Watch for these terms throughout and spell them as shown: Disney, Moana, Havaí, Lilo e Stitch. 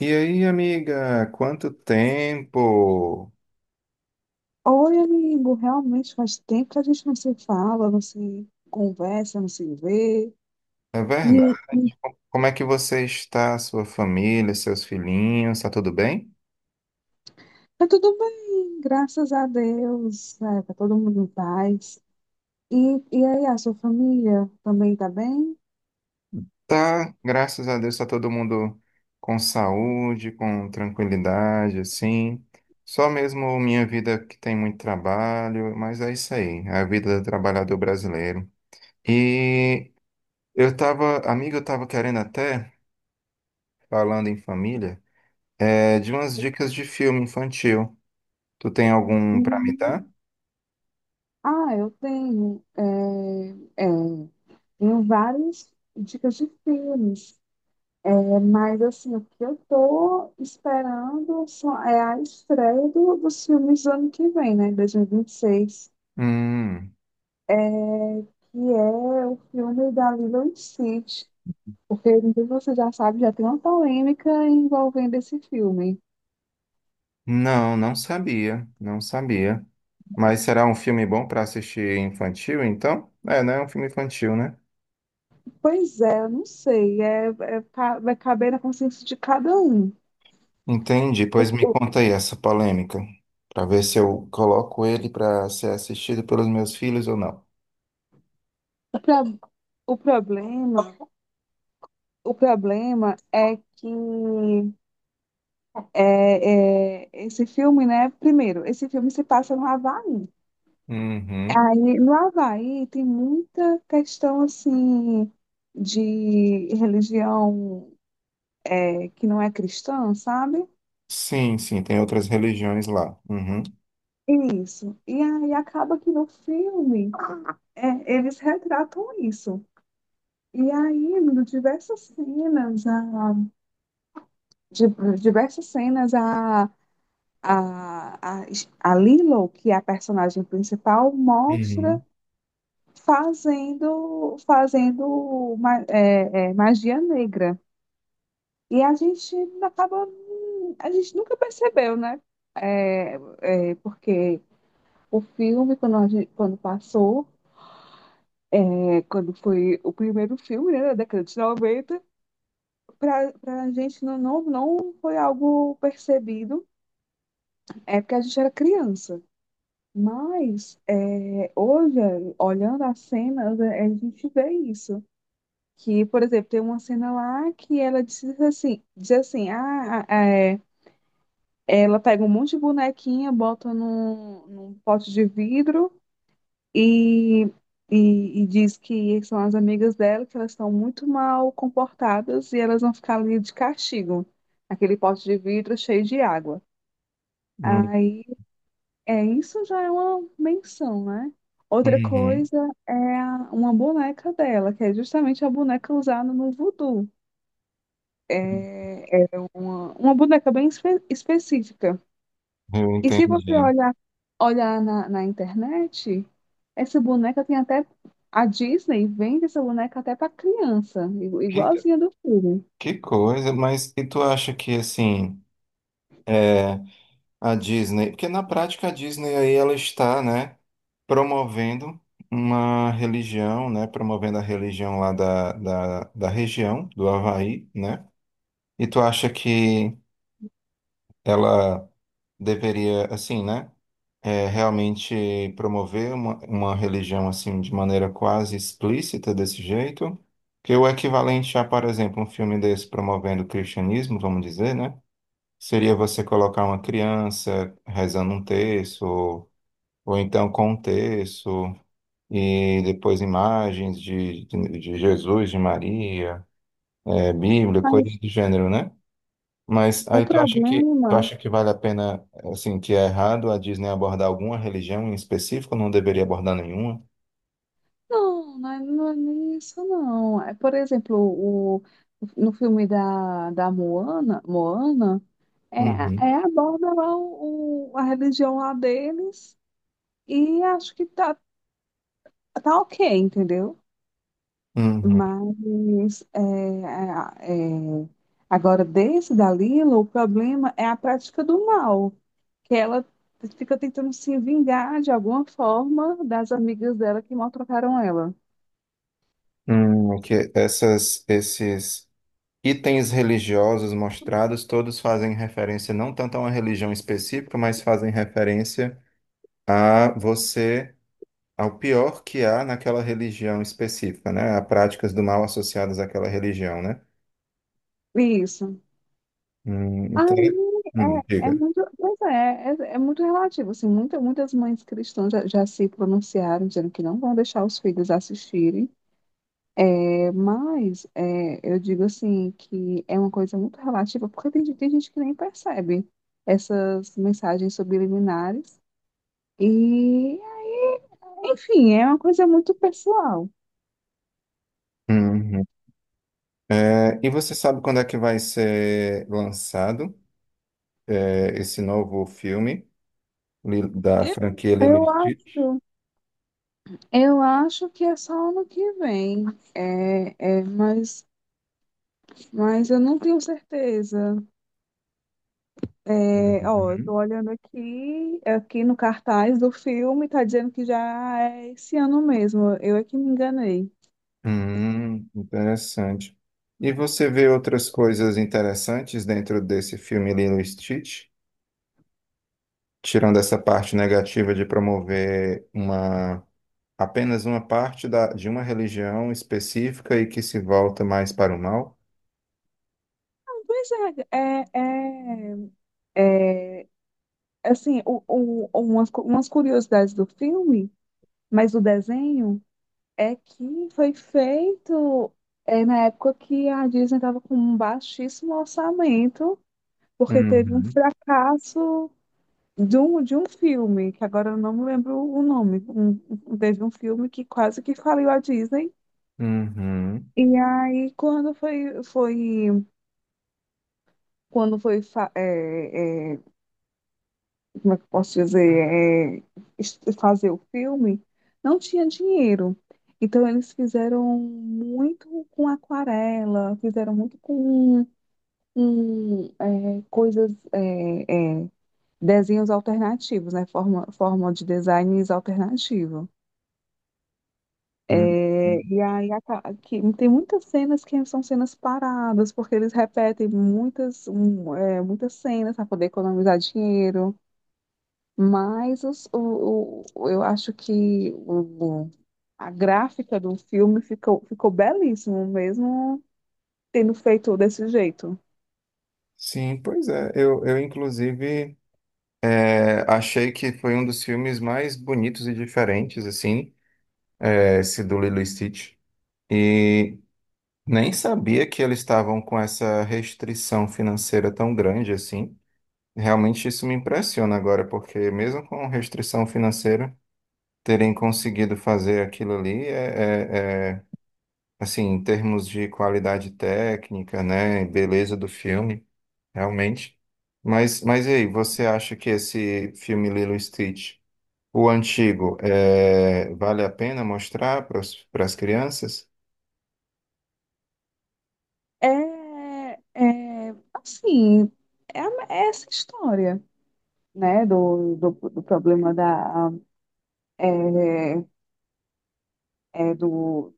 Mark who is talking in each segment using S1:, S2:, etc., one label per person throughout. S1: E aí, amiga, quanto tempo?
S2: Oi, amigo, realmente faz tempo que a gente não se fala, não se conversa, não se vê.
S1: É
S2: E
S1: verdade. Como é que você está, sua família, seus filhinhos? Tá tudo bem?
S2: tá tudo bem, graças a Deus, tá todo mundo em paz. E, e aí, a sua família também tá bem?
S1: Tá, graças a Deus, tá todo mundo com saúde, com tranquilidade, assim. Só mesmo minha vida que tem muito trabalho, mas é isso aí, é a vida do trabalhador brasileiro. E eu tava, amiga, eu tava querendo até, falando em família, de umas dicas de filme infantil. Tu tem algum para me
S2: Uhum.
S1: dar?
S2: Ah, eu tenho, é, tenho várias dicas de filmes, mas assim, o que eu tô esperando só é a estreia dos filmes do ano que vem, né, 2026.
S1: Hum,
S2: Que é o filme da Lilo e Stitch, porque não sei se você já sabe, já tem uma polêmica envolvendo esse filme.
S1: não, não sabia, não sabia. Mas será um filme bom para assistir infantil, então? É, né? É um filme infantil, né?
S2: Pois é, eu não sei, vai caber na consciência de cada um.
S1: Entendi.
S2: O,
S1: Pois me
S2: o,
S1: conta aí essa polêmica, para ver se eu coloco ele para ser assistido pelos meus filhos ou não.
S2: o pro- o problema, o problema é que esse filme, né? Primeiro, esse filme se passa no Havaí.
S1: Uhum.
S2: Aí, no Havaí tem muita questão assim de religião, que não é cristã, sabe?
S1: Sim, sim, tem outras religiões lá. Uhum.
S2: Isso. E aí acaba que no filme, eles retratam isso. E aí, em diversas cenas, de, diversas cenas, a, a, a Lilo, que é a personagem principal, mostra
S1: Uhum.
S2: fazendo magia negra. E a gente acaba, a gente nunca percebeu, né? É, porque o filme, quando passou, é, quando foi o primeiro filme, né, da década de 90, para a gente não foi algo percebido, é porque a gente era criança. Mas é, hoje, olhando as cenas, é, a gente vê isso. Que, por exemplo, tem uma cena lá que ela diz assim, ela pega um monte de bonequinha, bota num pote de vidro. E, e diz que são as amigas dela, que elas estão muito mal comportadas e elas vão ficar ali de castigo, aquele pote de vidro cheio de água.
S1: Uhum.
S2: Aí, isso já é uma menção, né? Outra
S1: Uhum.
S2: coisa é uma boneca dela, que é justamente a boneca usada no voodoo. É uma boneca bem específica.
S1: Eu
S2: E se você
S1: entendi.
S2: olhar, olhar na internet, essa boneca tem até. A Disney vende essa boneca até para criança,
S1: Que,
S2: igualzinha do filme.
S1: que coisa, mas e tu acha que assim. é, A Disney, porque na prática a Disney aí ela está, né, promovendo uma religião, né, promovendo a religião lá da região, do Havaí, né? E tu acha que ela deveria, assim, né, realmente promover uma religião, assim, de maneira quase explícita desse jeito? Que o equivalente a, por exemplo, um filme desse promovendo o cristianismo, vamos dizer, né? Seria você colocar uma criança rezando um terço, ou então contexto, e depois imagens de Jesus, de Maria, é, Bíblia, coisas
S2: Mas
S1: do gênero, né? Mas
S2: o
S1: aí tu
S2: problema.
S1: acha que vale a pena, assim, que é errado a Disney abordar alguma religião em específico, não deveria abordar nenhuma?
S2: Não, não é, não é nem isso, não. É, por exemplo, no filme da Moana, Moana, é,
S1: Uhum,
S2: é aborda lá a religião lá deles e acho que tá ok, entendeu?
S1: uhum.
S2: Mas é, é, é, agora, desse da Lila, o problema é a prática do mal, que ela fica tentando se vingar de alguma forma das amigas dela que maltrataram ela.
S1: Que essas, esses itens religiosos mostrados, todos fazem referência não tanto a uma religião específica, mas fazem referência a você ao pior que há naquela religião específica, né? A práticas do mal associadas àquela religião, né?
S2: Isso.
S1: Então,
S2: Aí é, é
S1: diga.
S2: muito, pois é, é muito relativo. Assim, muitas mães cristãs já se pronunciaram, dizendo que não vão deixar os filhos assistirem. Mas é, eu digo assim que é uma coisa muito relativa, porque tem gente que nem percebe essas mensagens subliminares. E, enfim, é uma coisa muito pessoal.
S1: Uhum. É, e você sabe quando é que vai ser lançado, é, esse novo filme da franquia Lilo e
S2: Eu
S1: Stitch?
S2: acho, eu acho que é só ano que vem. É, é, mas, mas eu não tenho certeza. É, ó, eu
S1: Uhum.
S2: tô olhando aqui, aqui no cartaz do filme, tá dizendo que já é esse ano mesmo. Eu é que me enganei.
S1: Interessante. E você vê outras coisas interessantes dentro desse filme Lilo e Stitch? Tirando essa parte negativa de promover uma, apenas uma parte da, de uma religião específica e que se volta mais para o mal?
S2: Pois é, é, é assim, umas curiosidades do filme, mas o desenho é que foi feito, na época que a Disney estava com um baixíssimo orçamento, porque teve um
S1: Uhum.
S2: fracasso de um filme, que agora eu não me lembro o nome. Teve um filme que quase que faliu a Disney.
S1: Uhum.
S2: E aí, quando foi, foi, quando foi, fa- é, é, como é que eu posso dizer, fazer o filme, não tinha dinheiro. Então eles fizeram muito com aquarela, fizeram muito com, é, desenhos alternativos, né? Forma de designs alternativo.
S1: Uhum.
S2: É, e aí tem muitas cenas que são cenas paradas, porque eles repetem muitas cenas para poder economizar dinheiro. Mas eu acho que a gráfica do filme ficou, ficou belíssimo, mesmo tendo feito desse jeito.
S1: Sim, pois é. Eu inclusive, é, achei que foi um dos filmes mais bonitos e diferentes, assim, é, esse do Lilo e Stitch. E nem sabia que eles estavam com essa restrição financeira tão grande, assim. Realmente isso me impressiona agora, porque mesmo com restrição financeira, terem conseguido fazer aquilo ali é assim, em termos de qualidade técnica, né, e beleza do filme, realmente. Mas e aí, você acha que esse filme Lilo e Stitch, o antigo, é, vale a pena mostrar para as crianças?
S2: É, é assim, é essa história, né, do problema da, é, é do,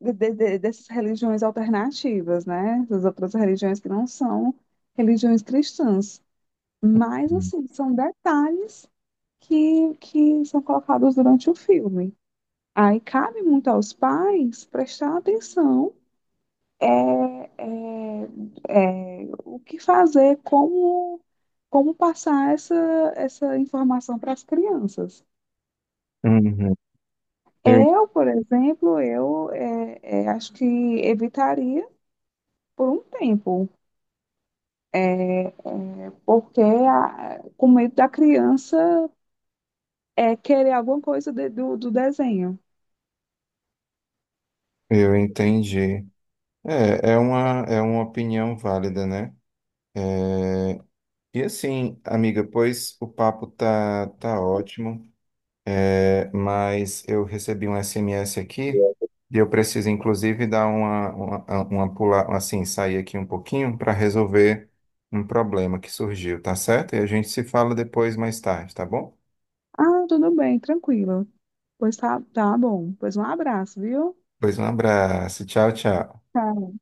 S2: de- dessas religiões alternativas, né, das outras religiões que não são religiões cristãs. Mas, assim, são detalhes que são colocados durante o filme. Aí cabe muito aos pais prestar atenção, é, o que fazer, como, como passar essa, essa informação para as crianças.
S1: Uhum. Eu,
S2: Eu, por exemplo, acho que evitaria por um tempo, é, é, porque a, com medo da criança, querer alguma coisa do desenho.
S1: eu entendi. É, é uma opinião válida, né? E assim, amiga, pois o papo tá ótimo. É, mas eu recebi um SMS aqui e eu preciso, inclusive, dar uma, pular, assim, sair aqui um pouquinho para resolver um problema que surgiu, tá certo? E a gente se fala depois, mais tarde, tá bom?
S2: Ah, tudo bem, tranquilo. Pois tá, tá bom. Pois um abraço, viu?
S1: Pois um abraço, tchau, tchau.
S2: Tá.